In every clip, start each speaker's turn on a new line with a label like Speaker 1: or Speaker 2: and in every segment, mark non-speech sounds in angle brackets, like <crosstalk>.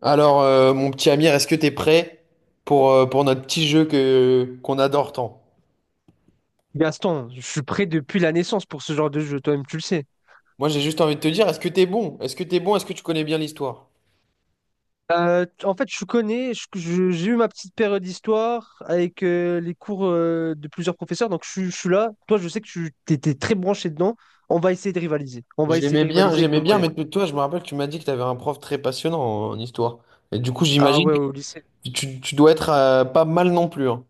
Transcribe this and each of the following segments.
Speaker 1: Alors, mon petit Amir, est-ce que t'es prêt pour notre petit jeu qu'on adore tant?
Speaker 2: Gaston, je suis prêt depuis la naissance pour ce genre de jeu, toi-même tu le sais.
Speaker 1: Moi, j'ai juste envie de te dire, est-ce que t'es bon? Est-ce que t'es bon? Est-ce que tu connais bien l'histoire?
Speaker 2: En fait, je connais, j'ai eu ma petite période d'histoire avec les cours de plusieurs professeurs, donc je suis là. Toi, je sais que tu étais très branché dedans. On va essayer de rivaliser. On va essayer de rivaliser avec
Speaker 1: J'aimais
Speaker 2: nos
Speaker 1: bien,
Speaker 2: moyens.
Speaker 1: mais toi, je me rappelle que tu m'as dit que t'avais un prof très passionnant en histoire. Et du coup,
Speaker 2: Ah
Speaker 1: j'imagine
Speaker 2: ouais, au
Speaker 1: que
Speaker 2: lycée.
Speaker 1: tu dois être pas mal non plus, hein.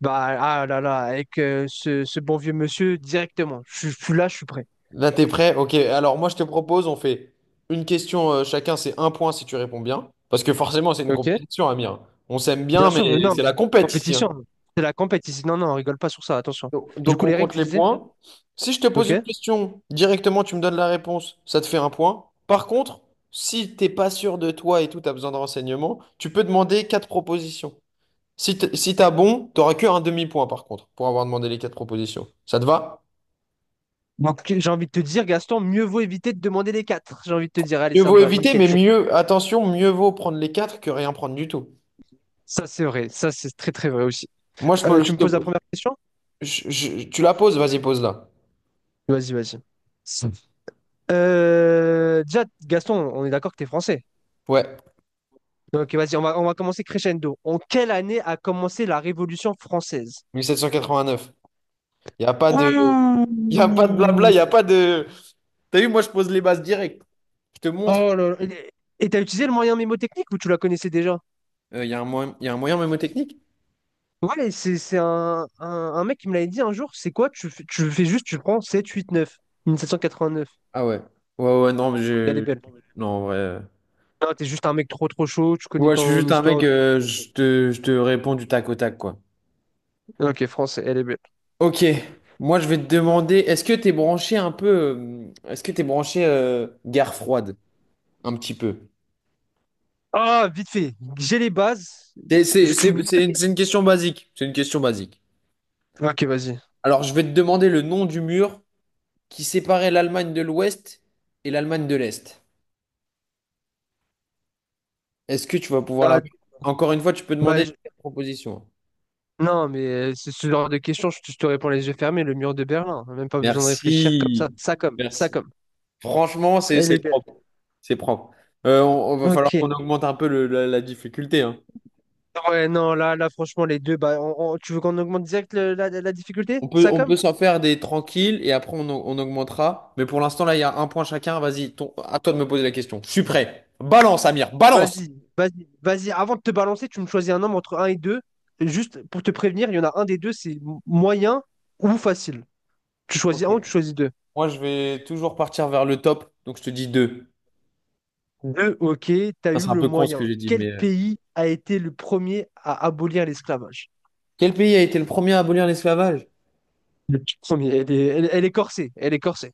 Speaker 2: Bah, ah là là, avec ce bon vieux monsieur directement. Je suis là, je suis prêt.
Speaker 1: Là, t'es prêt? Ok, alors moi, je te propose, on fait une question chacun, c'est un point si tu réponds bien. Parce que forcément, c'est une
Speaker 2: Ok.
Speaker 1: compétition, Amir. On s'aime bien,
Speaker 2: Bien sûr,
Speaker 1: mais
Speaker 2: non,
Speaker 1: c'est la compète ici, hein.
Speaker 2: compétition. C'est la compétition. Non, non, on rigole pas sur ça, attention.
Speaker 1: Donc,
Speaker 2: Du
Speaker 1: donc,
Speaker 2: coup,
Speaker 1: on
Speaker 2: les règles,
Speaker 1: compte
Speaker 2: tu
Speaker 1: les
Speaker 2: disais?
Speaker 1: points. Si je te pose
Speaker 2: Ok?
Speaker 1: une question, directement tu me donnes la réponse, ça te fait un point. Par contre, si t'es pas sûr de toi et tout, tu as besoin de renseignements, tu peux demander quatre propositions. Si t'as bon, t'auras que un demi-point par contre, pour avoir demandé les quatre propositions. Ça te va?
Speaker 2: Donc, j'ai envie de te dire, Gaston, mieux vaut éviter de demander les quatre. J'ai envie de te dire, allez,
Speaker 1: Mieux
Speaker 2: ça
Speaker 1: vaut
Speaker 2: me va,
Speaker 1: éviter,
Speaker 2: nickel,
Speaker 1: mais
Speaker 2: je suis prêt.
Speaker 1: mieux, attention, mieux vaut prendre les quatre que rien prendre du tout.
Speaker 2: Ça, c'est vrai. Ça, c'est très, très vrai aussi.
Speaker 1: Moi, je
Speaker 2: Euh,
Speaker 1: peux,
Speaker 2: tu
Speaker 1: je
Speaker 2: me poses la
Speaker 1: te-
Speaker 2: première question?
Speaker 1: je- tu la poses, vas-y, pose-la.
Speaker 2: Vas-y, vas-y. Déjà, Gaston, on est d'accord que tu es français.
Speaker 1: Ouais,
Speaker 2: Donc, vas-y, on va commencer crescendo. En quelle année a commencé la Révolution française?
Speaker 1: mille sept cent quatre-vingt-neuf. Il n'y a pas de, il y a pas de blabla, il n'y a pas de. T'as vu, moi, je pose les bases directes. Je te montre.
Speaker 2: Oh là là. Et t'as utilisé le moyen mémotechnique ou tu la connaissais déjà?
Speaker 1: Il y a un moyen, y a un moyen mnémotechnique?
Speaker 2: Ouais, c'est un, un mec qui me l'avait dit un jour. C'est quoi? Tu fais juste, tu prends 7, 8, 9. 1789.
Speaker 1: Ah ouais. Ouais, ouais, non, mais
Speaker 2: Regardez
Speaker 1: je.
Speaker 2: bien.
Speaker 1: Non, en vrai.
Speaker 2: Non, t'es juste un mec trop chaud, tu connais
Speaker 1: Ouais, je suis
Speaker 2: ton
Speaker 1: juste un mec,
Speaker 2: histoire. Ok,
Speaker 1: je te réponds du tac au tac, quoi.
Speaker 2: ok, France, elle est belle.
Speaker 1: Ok. Moi, je vais te demander, est-ce que t'es branché un peu. Est-ce que t'es branché guerre froide? Un petit peu.
Speaker 2: Ah, vite fait, j'ai les bases.
Speaker 1: C'est c'est-
Speaker 2: Je- tu-
Speaker 1: c'est- c'est une, c'est une question basique. C'est une question basique.
Speaker 2: Ok, vas-y.
Speaker 1: Alors, je vais te demander le nom du mur qui séparait l'Allemagne de l'Ouest et l'Allemagne de l'Est. Est-ce que tu vas pouvoir
Speaker 2: Ah,
Speaker 1: l'avoir? Encore une fois, tu peux
Speaker 2: bah,
Speaker 1: demander
Speaker 2: je-
Speaker 1: les propositions.
Speaker 2: Non, mais c'est ce genre de question, je te réponds les yeux fermés, le mur de Berlin. Même pas besoin de réfléchir comme
Speaker 1: Merci.
Speaker 2: ça. Ça comme, ça
Speaker 1: Merci.
Speaker 2: comme.
Speaker 1: Franchement, c'est
Speaker 2: Elle est
Speaker 1: c'est
Speaker 2: belle.
Speaker 1: propre. C'est propre. On va falloir qu'on
Speaker 2: Ok.
Speaker 1: augmente un peu la difficulté, hein.
Speaker 2: Ouais, non, là, là, franchement, les deux, bah, tu veux qu'on augmente direct la, la difficulté?
Speaker 1: On peut,
Speaker 2: Ça
Speaker 1: on
Speaker 2: comme?
Speaker 1: peut s'en faire des tranquilles et après on augmentera. Mais pour l'instant, là, il y a un point chacun. Vas-y, à toi de me poser la question. Je suis prêt. Balance, Amir, balance!
Speaker 2: Vas-y, vas-y, vas-y. Avant de te balancer, tu me choisis un nombre entre un et 2. Juste pour te prévenir, il y en a un des deux, c'est moyen ou facile. Tu choisis
Speaker 1: Ok.
Speaker 2: un ou tu choisis deux.
Speaker 1: Moi, je vais toujours partir vers le top. Donc, je te dis deux.
Speaker 2: Deux, ok, t'as
Speaker 1: Ça,
Speaker 2: eu
Speaker 1: c'est un
Speaker 2: le
Speaker 1: peu con ce que
Speaker 2: moyen.
Speaker 1: j'ai dit,
Speaker 2: Quel pays a été le premier à abolir l'esclavage?
Speaker 1: Quel pays a été le premier à abolir l'esclavage?
Speaker 2: Le petit premier, elle est, elle, elle est corsée, elle est corsée.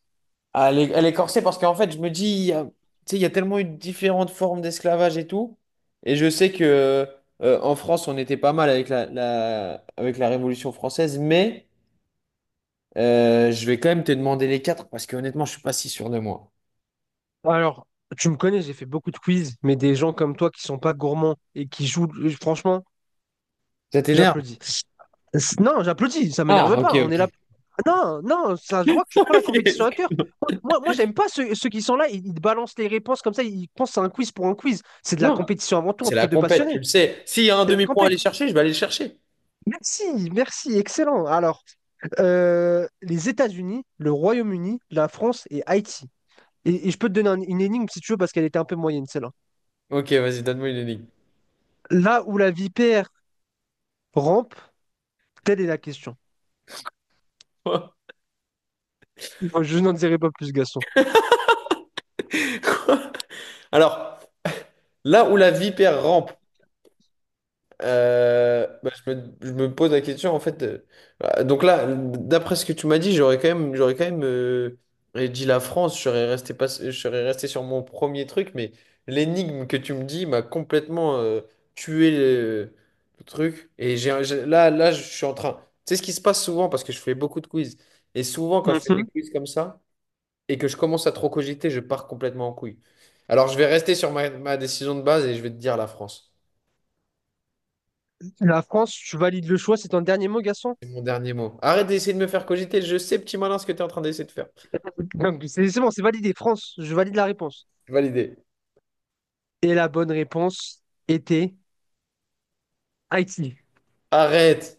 Speaker 1: Ah, elle est corsée parce qu'en fait, je me dis, tu sais, il y a tellement eu différentes formes d'esclavage et tout. Et je sais que en France, on était pas mal avec la Révolution française, mais je vais quand même te demander les quatre parce que honnêtement, je suis pas si sûr de moi.
Speaker 2: Alors, tu me connais, j'ai fait beaucoup de quiz, mais des gens comme toi qui sont pas gourmands et qui jouent, franchement,
Speaker 1: Ça t'énerve?
Speaker 2: j'applaudis. C'est- Non, j'applaudis, ça m'énerve
Speaker 1: Ah, ok,
Speaker 2: pas. On est là.
Speaker 1: ok.
Speaker 2: Non, non, ça se voit que tu prends la
Speaker 1: <laughs>
Speaker 2: compétition à cœur.
Speaker 1: Excuse-moi.
Speaker 2: Moi, moi, moi, j'aime pas ceux, ceux qui sont là, ils te balancent les réponses comme ça, ils pensent à un quiz pour un quiz. C'est de la
Speaker 1: Non.
Speaker 2: compétition avant tout
Speaker 1: C'est
Speaker 2: entre
Speaker 1: la
Speaker 2: deux
Speaker 1: compète, tu
Speaker 2: passionnés.
Speaker 1: le sais. S'il y a un
Speaker 2: C'est la
Speaker 1: demi-point à aller
Speaker 2: compète.
Speaker 1: chercher, je vais aller le chercher.
Speaker 2: Merci, merci, excellent. Alors, les États-Unis, le Royaume-Uni, la France et Haïti. Et je peux te donner une énigme si tu veux, parce qu'elle était un peu moyenne, celle-là.
Speaker 1: Ok, vas-y, donne-moi une énigme.
Speaker 2: Là où la vipère rampe, telle est la question. Je n'en dirai pas plus, Gaston.
Speaker 1: <laughs> Alors, là où la vipère rampe, bah, je me pose la question en fait. Bah, donc là, d'après ce que tu m'as dit, j'aurais quand même dit la France. Je serais resté pas, je serais resté sur mon premier truc, mais l'énigme que tu me dis m'a complètement tué le truc. Et là, je suis en train. Tu sais ce qui se passe souvent parce que je fais beaucoup de quiz. Et souvent, quand je fais des
Speaker 2: Mhm.
Speaker 1: quiz comme ça et que je commence à trop cogiter, je pars complètement en couille. Alors, je vais rester sur ma décision de base et je vais te dire la France.
Speaker 2: La France, tu valides le choix, c'est ton dernier mot, Gaston?
Speaker 1: C'est mon dernier mot. Arrête d'essayer de me faire cogiter. Je sais, petit malin, ce que tu es en train d'essayer de faire.
Speaker 2: Donc, c'est bon, c'est validé. France, je valide la réponse.
Speaker 1: Validé.
Speaker 2: Et la bonne réponse était Haïti.
Speaker 1: Arrête.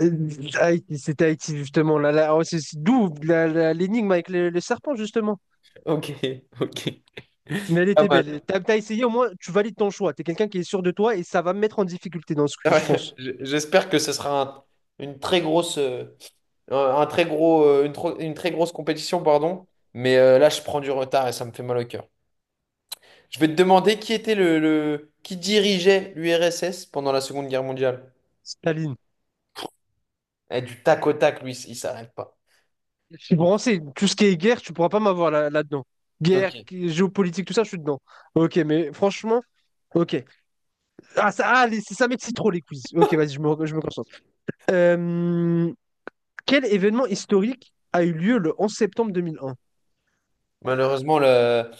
Speaker 2: Euh, Haïti, c'était Haïti, justement. Là, là, oh, c'est d'où l'énigme avec le serpent, justement.
Speaker 1: Ok, <laughs> ok.
Speaker 2: Mais elle
Speaker 1: Pas
Speaker 2: était belle.
Speaker 1: mal.
Speaker 2: T'as, t'as essayé, au moins, tu valides ton choix. T'es quelqu'un qui est sûr de toi et ça va me mettre en difficulté dans ce quiz,
Speaker 1: Ouais,
Speaker 2: je pense.
Speaker 1: J'espère que ce sera une très grosse, un un très gros, une, tro- une très grosse compétition, pardon. Mais là, je prends du retard et ça me fait mal au cœur. Je vais te demander qui était qui dirigeait l'URSS pendant la Seconde Guerre mondiale.
Speaker 2: Staline.
Speaker 1: Eh, du tac au tac, lui, il s'arrête pas.
Speaker 2: Je suis branché. Tout ce qui est guerre, tu pourras pas m'avoir là, là-dedans. Guerre,
Speaker 1: Ok.
Speaker 2: géopolitique, tout ça, je suis dedans. Ok, mais franchement, ok. Ah, ça, ah, ça m'excite trop les quiz. Ok, vas-y, je me concentre. Euh, quel événement historique a eu lieu le 11 septembre 2001?
Speaker 1: Malheureusement, le-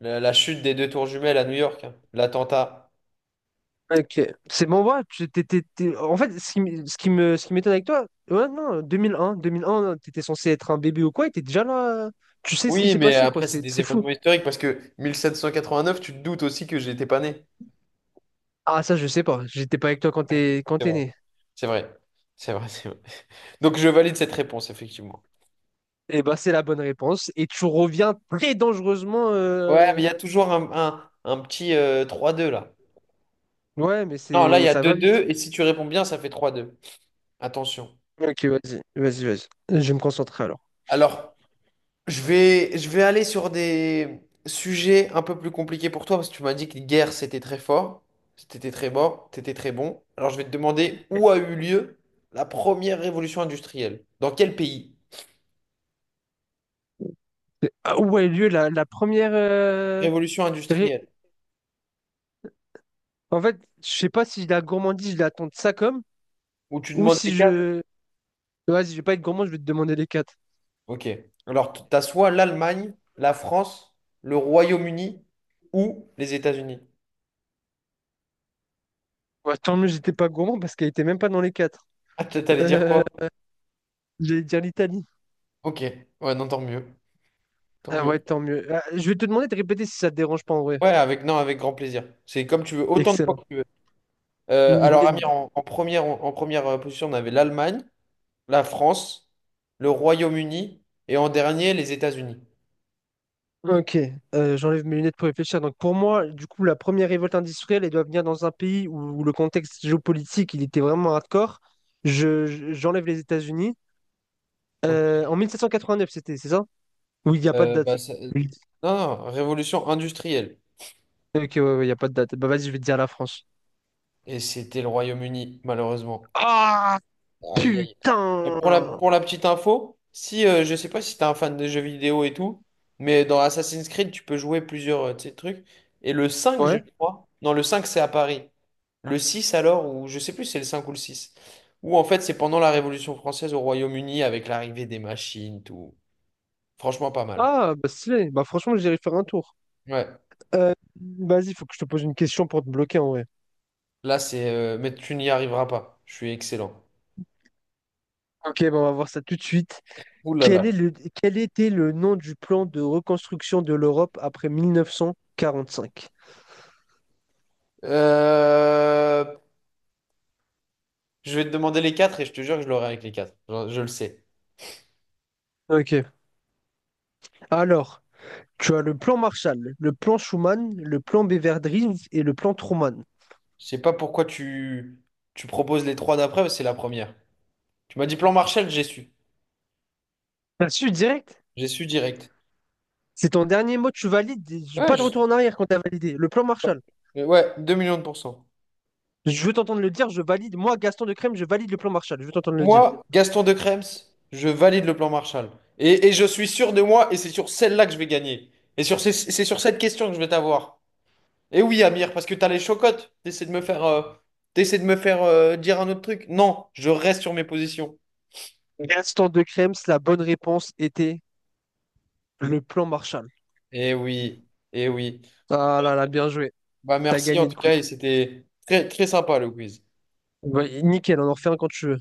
Speaker 1: la, la chute des deux tours jumelles à New York, hein, l'attentat.
Speaker 2: Ok, c'est bon, ouais, en fait, ce qui m'étonne avec toi, ouais, non, deux mille un, t'étais censé être un bébé ou quoi, et t'es déjà là, tu sais ce qui
Speaker 1: Oui,
Speaker 2: s'est
Speaker 1: mais
Speaker 2: passé, quoi,
Speaker 1: après, c'est
Speaker 2: c'est
Speaker 1: des
Speaker 2: c'est fou.
Speaker 1: événements historiques parce que 1789, tu te doutes aussi que j'étais pas né.
Speaker 2: Ah, ça, je sais pas, j'étais pas avec toi quand
Speaker 1: C'est
Speaker 2: t'es
Speaker 1: vrai.
Speaker 2: né.
Speaker 1: C'est vrai. C'est vrai, c'est vrai. Donc, je valide cette réponse, effectivement.
Speaker 2: Eh bah, c'est la bonne réponse, et tu reviens très dangereusement,
Speaker 1: Ouais, mais il y a toujours un petit 3-2 là.
Speaker 2: ouais, mais
Speaker 1: Non, là, il
Speaker 2: c'est
Speaker 1: y a
Speaker 2: ça
Speaker 1: deux
Speaker 2: va vite.
Speaker 1: deux et si tu réponds bien, ça fait 3-2. Attention.
Speaker 2: Ok, vas-y, vas-y, vas-y, je vais me concentrer alors.
Speaker 1: Alors, je vais aller sur des sujets un peu plus compliqués pour toi parce que tu m'as dit que guerre, c'était très fort, c'était très fort, c'était très bon. Alors, je vais te demander où a eu lieu la première révolution industrielle. Dans quel pays?
Speaker 2: Ah où a eu lieu la, la première.
Speaker 1: Révolution
Speaker 2: Ré-
Speaker 1: industrielle,
Speaker 2: En fait, je sais pas si la gourmandise, je l'attends de ça comme,
Speaker 1: où tu
Speaker 2: ou
Speaker 1: demandes les
Speaker 2: si
Speaker 1: quatre.
Speaker 2: je. Vas-y, je vais pas être gourmand, je vais te demander les quatre.
Speaker 1: Ok. Alors, tu as soit l'Allemagne, la France, le Royaume-Uni ou les États-Unis.
Speaker 2: Ouais, tant mieux, j'étais pas gourmand parce qu'elle était même pas dans les quatre.
Speaker 1: Ah, t'allais dire
Speaker 2: <laughs>
Speaker 1: quoi?
Speaker 2: Euh, j'allais dire l'Italie.
Speaker 1: Ok. Ouais, non, tant mieux. Tant
Speaker 2: Ah
Speaker 1: mieux.
Speaker 2: ouais, tant mieux. Ah, je vais te demander de répéter si ça te dérange pas en vrai.
Speaker 1: Ouais, avec, non, avec grand plaisir. C'est comme tu veux, autant de fois
Speaker 2: Excellent.
Speaker 1: que tu veux. Alors, Amir,
Speaker 2: <laughs>
Speaker 1: en première position, on avait l'Allemagne, la France, le Royaume-Uni et en dernier, les États-Unis.
Speaker 2: Ok, j'enlève mes lunettes pour réfléchir. Donc pour moi, du coup, la première révolte industrielle, elle doit venir dans un pays où, où le contexte géopolitique, il était vraiment hardcore. J'enlève les États-Unis.
Speaker 1: Ok.
Speaker 2: En 1789, c'était, c'est ça? Oui, il n'y a pas de
Speaker 1: Bah,
Speaker 2: date. Oui.
Speaker 1: Non, non, révolution industrielle.
Speaker 2: Ok, ouais, ouais, il n'y a pas de date. Bah vas-y, je vais te dire la France.
Speaker 1: Et c'était le Royaume-Uni, malheureusement.
Speaker 2: Ah,
Speaker 1: Aïe, aïe. Et pour la,
Speaker 2: putain!
Speaker 1: pour la petite info, si je sais pas si t'es un fan de jeux vidéo et tout, mais dans Assassin's Creed, tu peux jouer plusieurs de ces trucs. Et le cinq, je
Speaker 2: Ouais.
Speaker 1: crois. Non, le 5 c'est à Paris. Le 6 alors, ou je sais plus si c'est le 5 ou le 6. Ou en fait, c'est pendant la Révolution française au Royaume-Uni avec l'arrivée des machines, tout. Franchement, pas mal.
Speaker 2: Ah, bah stylé. Bah franchement, j'irai faire un tour.
Speaker 1: Ouais.
Speaker 2: Euh, vas-y, faut que je te pose une question pour te bloquer en vrai.
Speaker 1: Là, c'est. Mais tu n'y arriveras pas. Je suis excellent.
Speaker 2: Ok, bah on va voir ça tout de suite.
Speaker 1: Ouh là là.
Speaker 2: Quel est le, quel était le nom du plan de reconstruction de l'Europe après 1945?
Speaker 1: Euh, Je vais te demander les quatre et je te jure que je l'aurai avec les quatre. Je le sais.
Speaker 2: Ok. Alors, tu as le plan Marshall, le plan Schuman, le plan Beveridge et le plan Truman.
Speaker 1: Je sais pas pourquoi tu proposes les trois d'après, mais c'est la première. Tu m'as dit plan Marshall, j'ai su.
Speaker 2: T'as su direct?
Speaker 1: J'ai su direct.
Speaker 2: C'est ton dernier mot, tu valides. Et
Speaker 1: Ouais,
Speaker 2: pas de
Speaker 1: j'ai
Speaker 2: retour
Speaker 1: su.
Speaker 2: en arrière quand t'as validé. Le plan Marshall.
Speaker 1: Ouais, 2 millions de pourcents.
Speaker 2: Je veux t'entendre le dire, je valide. Moi, Gaston de Crème, je valide le plan Marshall. Je veux t'entendre le dire.
Speaker 1: Moi, Gaston de Krems, je valide le plan Marshall. Et je suis sûr de moi, et c'est sur celle-là que je vais gagner. Et c'est sur cette question que je vais t'avoir. Et oui, Amir, parce que t'as les chocottes. T'essaies de me faire, dire un autre truc. Non, je reste sur mes positions.
Speaker 2: Gaston de Crème, la bonne réponse était le plan Marshall.
Speaker 1: Eh oui, eh oui.
Speaker 2: Ah là là, bien joué.
Speaker 1: Bah
Speaker 2: T'as
Speaker 1: merci en
Speaker 2: gagné le
Speaker 1: tout
Speaker 2: quiz.
Speaker 1: cas, et c'était très, très sympa le quiz.
Speaker 2: Ouais, nickel, on en refait un quand tu veux.